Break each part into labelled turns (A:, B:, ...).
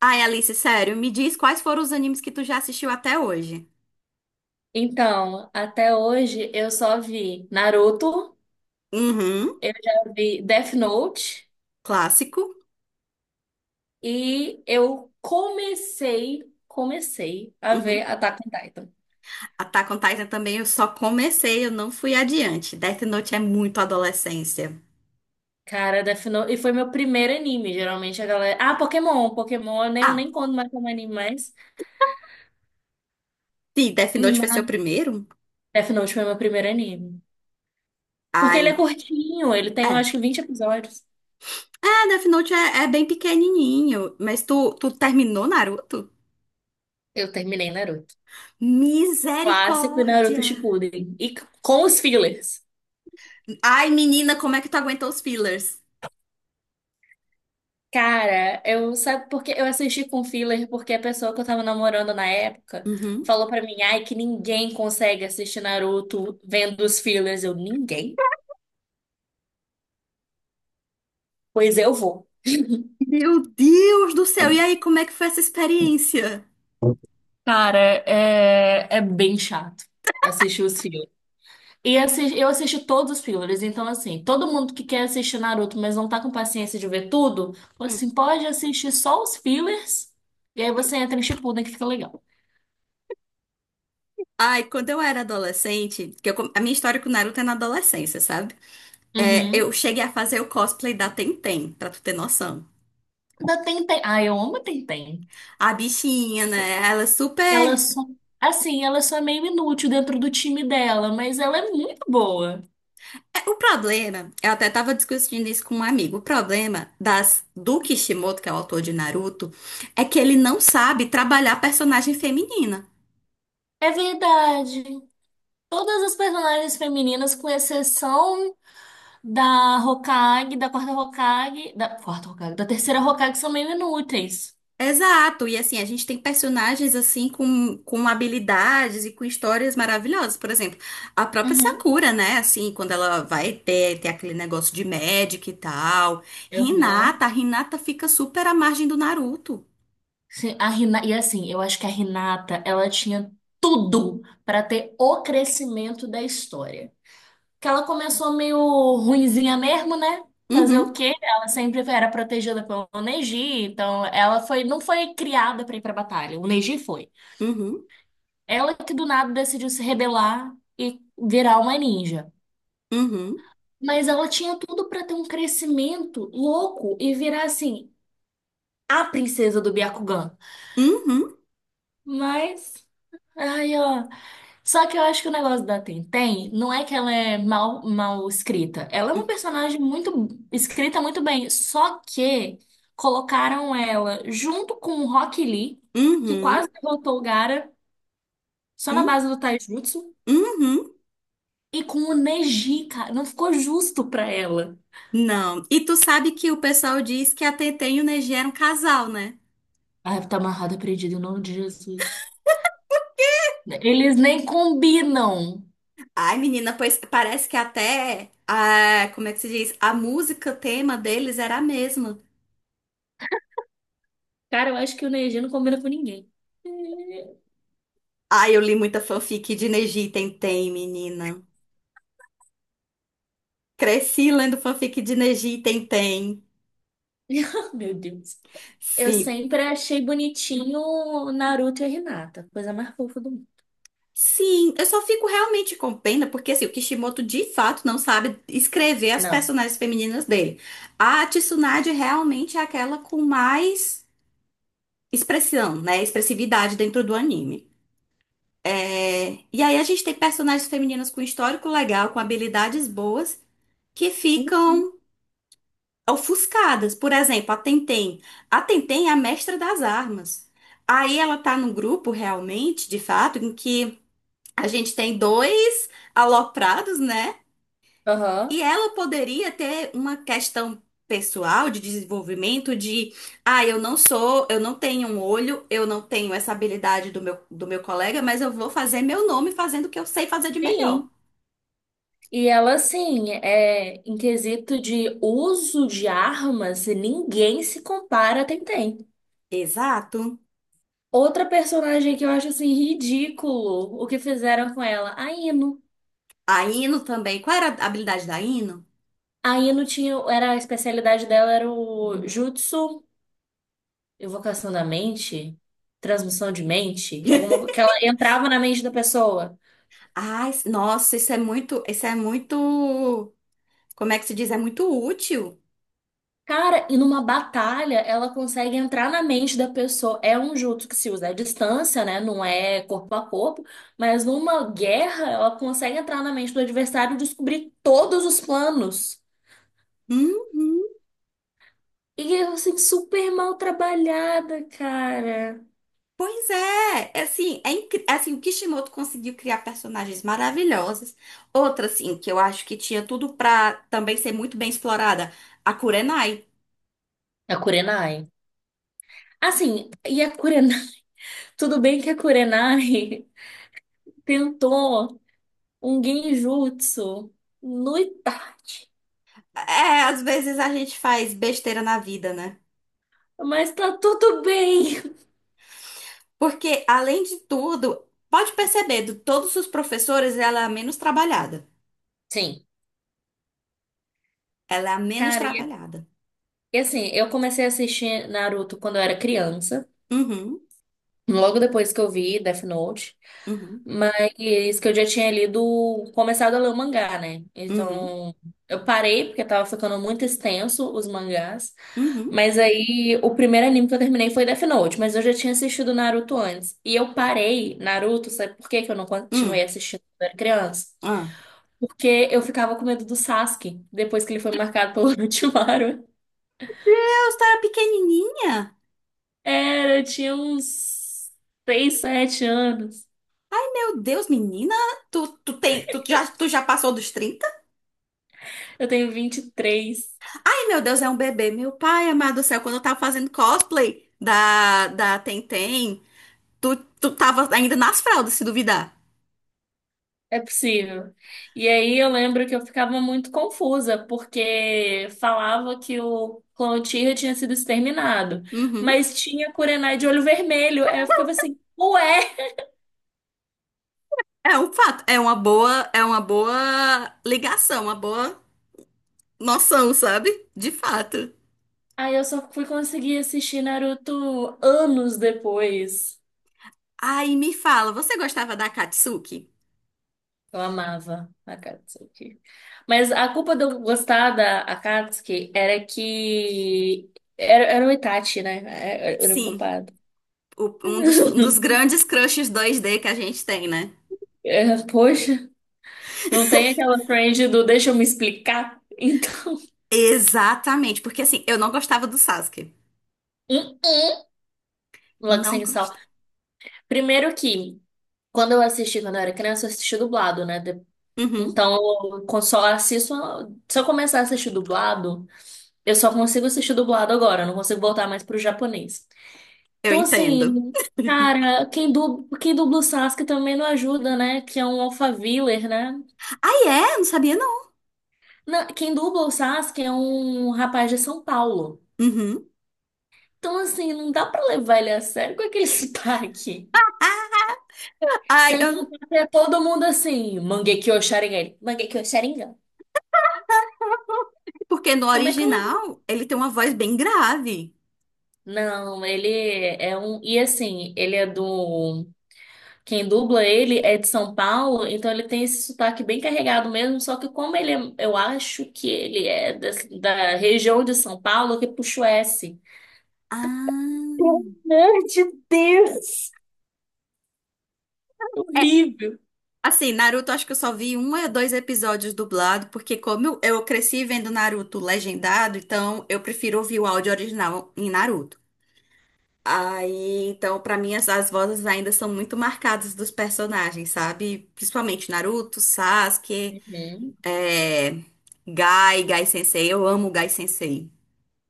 A: Ai, Alice, sério, me diz quais foram os animes que tu já assistiu até hoje.
B: Então, até hoje eu só vi Naruto,
A: Uhum,
B: eu já vi Death Note
A: clássico.
B: e eu comecei a ver
A: Uhum.
B: Attack on Titan.
A: Attack on Titan também eu só comecei, eu não fui adiante. Death Note é muito adolescência.
B: Cara, Death Note, e foi meu primeiro anime, geralmente a galera... Ah, Pokémon, eu nem, eu
A: Ah,
B: nem conto mais como anime mais,
A: sim, Death Note foi seu
B: mas
A: primeiro?
B: Death Note foi meu primeiro anime. Porque ele é
A: Ai,
B: curtinho, ele tem, eu
A: é.
B: acho que 20 episódios.
A: É, Death Note é, é bem pequenininho, mas tu terminou Naruto?
B: Eu terminei Naruto. Clássico e Naruto
A: Misericórdia!
B: Shippuden. E com os fillers.
A: Ai, menina, como é que tu aguentou os fillers?
B: Cara, eu sabe porque eu assisti com filler porque a pessoa que eu tava namorando na época
A: Uhum.
B: falou pra mim, ai, que ninguém consegue assistir Naruto vendo os fillers. Eu, ninguém? Pois eu vou.
A: Meu Deus do céu, e aí, como é que foi essa experiência?
B: Cara, é bem chato assistir os fillers. E eu assisti todos os fillers, então assim, todo mundo que quer assistir Naruto, mas não tá com paciência de ver tudo, assim, pode assistir só os fillers e aí você entra em Shippuden que fica legal.
A: Ai, quando eu era adolescente, que a minha história com o Naruto é na adolescência, sabe? É, eu
B: Uhum.
A: cheguei a fazer o cosplay da Tenten, pra tu ter noção.
B: Da Tenten. Ah, eu amo a Tenten.
A: A bichinha, né? Ela é
B: Ela
A: super.
B: só, assim, ela só é meio inútil dentro do time dela, mas ela é muito boa.
A: É, o problema, eu até tava discutindo isso com um amigo. O problema das do Kishimoto, que é o autor de Naruto, é que ele não sabe trabalhar personagem feminina.
B: É verdade. Todas as personagens femininas, com exceção da Hokage, da quarta Hokage, da terceira Hokage, são meio inúteis.
A: Exato, e assim, a gente tem personagens assim com habilidades e com histórias maravilhosas. Por exemplo, a própria
B: Uhum.
A: Sakura, né? Assim, quando ela vai ter aquele negócio de médica e tal.
B: Aham.
A: Hinata, a Hinata fica super à margem do Naruto.
B: Sim, a Rina... E assim, eu acho que a Hinata, ela tinha tudo para ter o crescimento da história. Que ela começou meio ruinzinha mesmo, né? Fazer o
A: Uhum,
B: quê? Ela sempre era protegida pelo Neji, então ela foi, não foi criada pra ir pra batalha, o Neji foi.
A: uhum,
B: Ela que do nada decidiu se rebelar e virar uma ninja.
A: uhum,
B: Mas ela tinha tudo pra ter um crescimento louco e virar assim, a princesa do Byakugan.
A: uhum,
B: Mas, ai, ó. Só que eu acho que o negócio da Tenten não é que ela é mal escrita. Ela é uma personagem muito escrita muito bem. Só que colocaram ela junto com o Rock Lee, que
A: uhum,
B: quase derrotou o Gaara, só na
A: uhum,
B: base do Taijutsu,
A: uhum.
B: e com o Neji, cara. Não ficou justo pra ela.
A: Não. E tu sabe que o pessoal diz que a Tenten e o Neji eram casal, né?
B: Ai, tá amarrada, perdida, em nome de Jesus. Eles nem combinam.
A: Ai, menina, pois parece que até, ah, como é que se diz? A música tema deles era a mesma.
B: Cara, eu acho que o Neji não combina com ninguém.
A: Ai, eu li muita fanfic de Neji e Tentem, menina. Cresci lendo fanfic de Neji e Tentem.
B: Meu Deus. Eu
A: Sim.
B: sempre achei bonitinho o Naruto e a Hinata, coisa mais fofa do mundo.
A: Sim, eu só fico realmente com pena porque assim, o Kishimoto de fato não sabe escrever as
B: Não.
A: personagens femininas dele. A Tsunade realmente é aquela com mais expressão, né? Expressividade dentro do anime. É, e aí a gente tem personagens femininas com histórico legal, com habilidades boas, que ficam ofuscadas. Por exemplo, a Tenten. A Tenten é a mestra das armas. Aí ela tá num grupo realmente, de fato, em que a gente tem dois aloprados, né?
B: Aham.
A: E ela poderia ter uma questão pessoal de desenvolvimento de, ah, eu não sou, eu não tenho um olho, eu não tenho essa habilidade do meu colega, mas eu vou fazer meu nome fazendo o que eu sei fazer de melhor.
B: Sim. E ela, assim, é, em quesito de uso de armas, ninguém se compara a Tenten.
A: Exato.
B: Outra personagem que eu acho, assim, ridículo o que fizeram com ela, a Ino.
A: A Ino também. Qual era a habilidade da Ino?
B: A Ino tinha, era, a especialidade dela era o jutsu, evocação da mente, transmissão de mente, alguma coisa que ela entrava na mente da pessoa.
A: Ai, nossa, isso é muito, como é que se diz? É muito útil.
B: Cara, e numa batalha ela consegue entrar na mente da pessoa. É um jutsu que se usa à distância, né? Não é corpo a corpo, mas numa guerra ela consegue entrar na mente do adversário e descobrir todos os planos.
A: Uhum.
B: E eu, assim, super mal trabalhada, cara.
A: Pois é, é assim, o Kishimoto conseguiu criar personagens maravilhosas. Outra, assim, que eu acho que tinha tudo pra também ser muito bem explorada, a Kurenai.
B: A Kurenai. Assim, e a Kurenai. Tudo bem que a Kurenai tentou um genjutsu no Itachi,
A: É, às vezes a gente faz besteira na vida, né?
B: mas tá tudo bem.
A: Porque, além de tudo, pode perceber, de todos os professores, ela é a menos trabalhada.
B: Sim.
A: Ela é a menos
B: Cara,
A: trabalhada.
B: e assim, eu comecei a assistir Naruto quando eu era criança,
A: Uhum,
B: logo depois que eu vi Death Note,
A: uhum,
B: mas que eu já tinha lido, começado a ler o mangá, né?
A: uhum,
B: Então, eu parei porque tava ficando muito extenso os mangás,
A: uhum,
B: mas aí o primeiro anime que eu terminei foi Death Note, mas eu já tinha assistido Naruto antes. E eu parei Naruto, sabe por que que eu não continuei
A: uhum.
B: assistindo quando eu era criança?
A: Ah.
B: Porque eu ficava com medo do Sasuke, depois que ele foi marcado pelo Orochimaru.
A: Deus, tu era pequenininha?
B: Era, eu tinha uns 6, 7 anos.
A: Meu Deus, menina, tu já passou dos trinta.
B: Eu tenho 23.
A: Ai, meu Deus, é um bebê. Meu pai, amado do céu, quando eu tava fazendo cosplay da Tentem, tu tava ainda nas fraldas, se duvidar.
B: É possível. E aí eu lembro que eu ficava muito confusa, porque falava que o clã Uchiha tinha sido exterminado,
A: Uhum.
B: mas tinha Kurenai de olho vermelho. Aí eu ficava assim, ué?
A: É um fato, é uma boa ligação, uma boa noção, sabe? De fato.
B: Aí eu só fui conseguir assistir Naruto anos depois.
A: Aí me fala, você gostava da Katsuki?
B: Eu amava a Akatsuki. Mas a culpa de eu gostar da Akatsuki era que era o Itachi, né? Era o
A: Sim.
B: culpado.
A: Um dos grandes crushes 2D que a gente tem, né?
B: É, poxa, não tem aquela trend do deixa eu me explicar. Então,
A: Exatamente, porque assim, eu não gostava do Sasuke.
B: hum, hum, logo
A: Não
B: sem sal.
A: gostava.
B: Primeiro que, quando eu assisti, quando eu era criança, eu assisti dublado, né?
A: Uhum,
B: Então, só assisto. Se eu começar a assistir dublado, eu só consigo assistir dublado agora, eu não consigo voltar mais pro japonês.
A: eu
B: Então,
A: entendo.
B: assim, cara, quem dubla o Sasuke também não ajuda, né? Que é um Alphaviller, né?
A: Ah, é? Não sabia, não.
B: Quem dubla o Sasuke é um rapaz de São Paulo.
A: Uhum.
B: Então, assim, não dá pra levar ele a sério com aquele sotaque.
A: Ah, ai,
B: Sem
A: eu...
B: contar que é todo mundo assim, Mangekyou Sharingan. Ele, Mangekyou Sharingan.
A: Porque no
B: Como é que eu levo?
A: original ele tem uma voz bem grave.
B: Não, ele é um. E assim, ele é do. Quem dubla ele é de São Paulo, então ele tem esse sotaque bem carregado mesmo, só que como ele, eu acho que ele da, região de São Paulo, que puxa o S.
A: Ah.
B: Pelo amor de Deus!
A: É,
B: Horrível.
A: assim, Naruto, acho que eu só vi um ou dois episódios dublado, porque como eu cresci vendo Naruto legendado, então eu prefiro ouvir o áudio original em Naruto. Aí, então, pra mim, as vozes ainda são muito marcadas dos personagens, sabe? Principalmente Naruto, Sasuke,
B: Uhum.
A: é, Gai, Gai Sensei. Eu amo o Gai Sensei.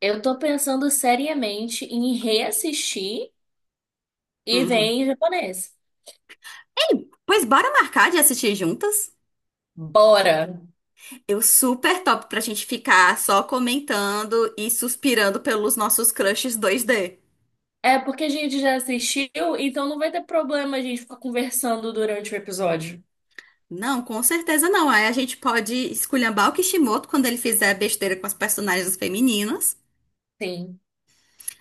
B: Eu tô pensando seriamente em reassistir e ver
A: Uhum.
B: em japonês.
A: Ei, pois bora marcar de assistir juntas?
B: Bora!
A: Eu super top pra gente ficar só comentando e suspirando pelos nossos crushes 2D.
B: É porque a gente já assistiu, então não vai ter problema a gente ficar conversando durante o episódio.
A: Não, com certeza não. Aí a gente pode esculhambar o Kishimoto quando ele fizer besteira com as personagens femininas.
B: Sim,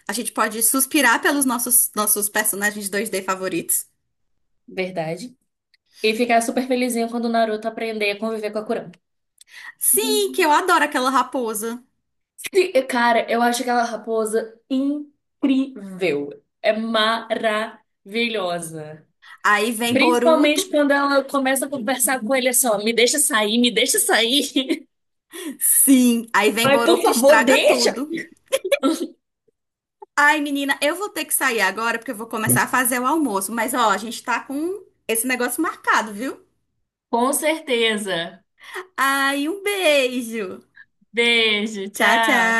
A: A gente pode suspirar pelos nossos personagens dois d favoritos.
B: verdade. E ficar super felizinho quando o Naruto aprender a conviver com a Kurama.
A: Sim, que
B: Uhum.
A: eu adoro aquela raposa.
B: Cara, eu acho aquela raposa incrível. É maravilhosa.
A: Aí vem
B: Principalmente
A: Boruto.
B: quando ela começa a conversar com ele assim, ó, me deixa sair.
A: Sim, aí vem
B: Mas, por
A: Boruto e
B: favor,
A: estraga
B: deixa!
A: tudo. Ai, menina, eu vou ter que sair agora porque eu vou começar a fazer o almoço. Mas ó, a gente tá com esse negócio marcado, viu?
B: Com certeza.
A: Ai, um beijo.
B: Beijo,
A: Tchau, tchau.
B: tchau.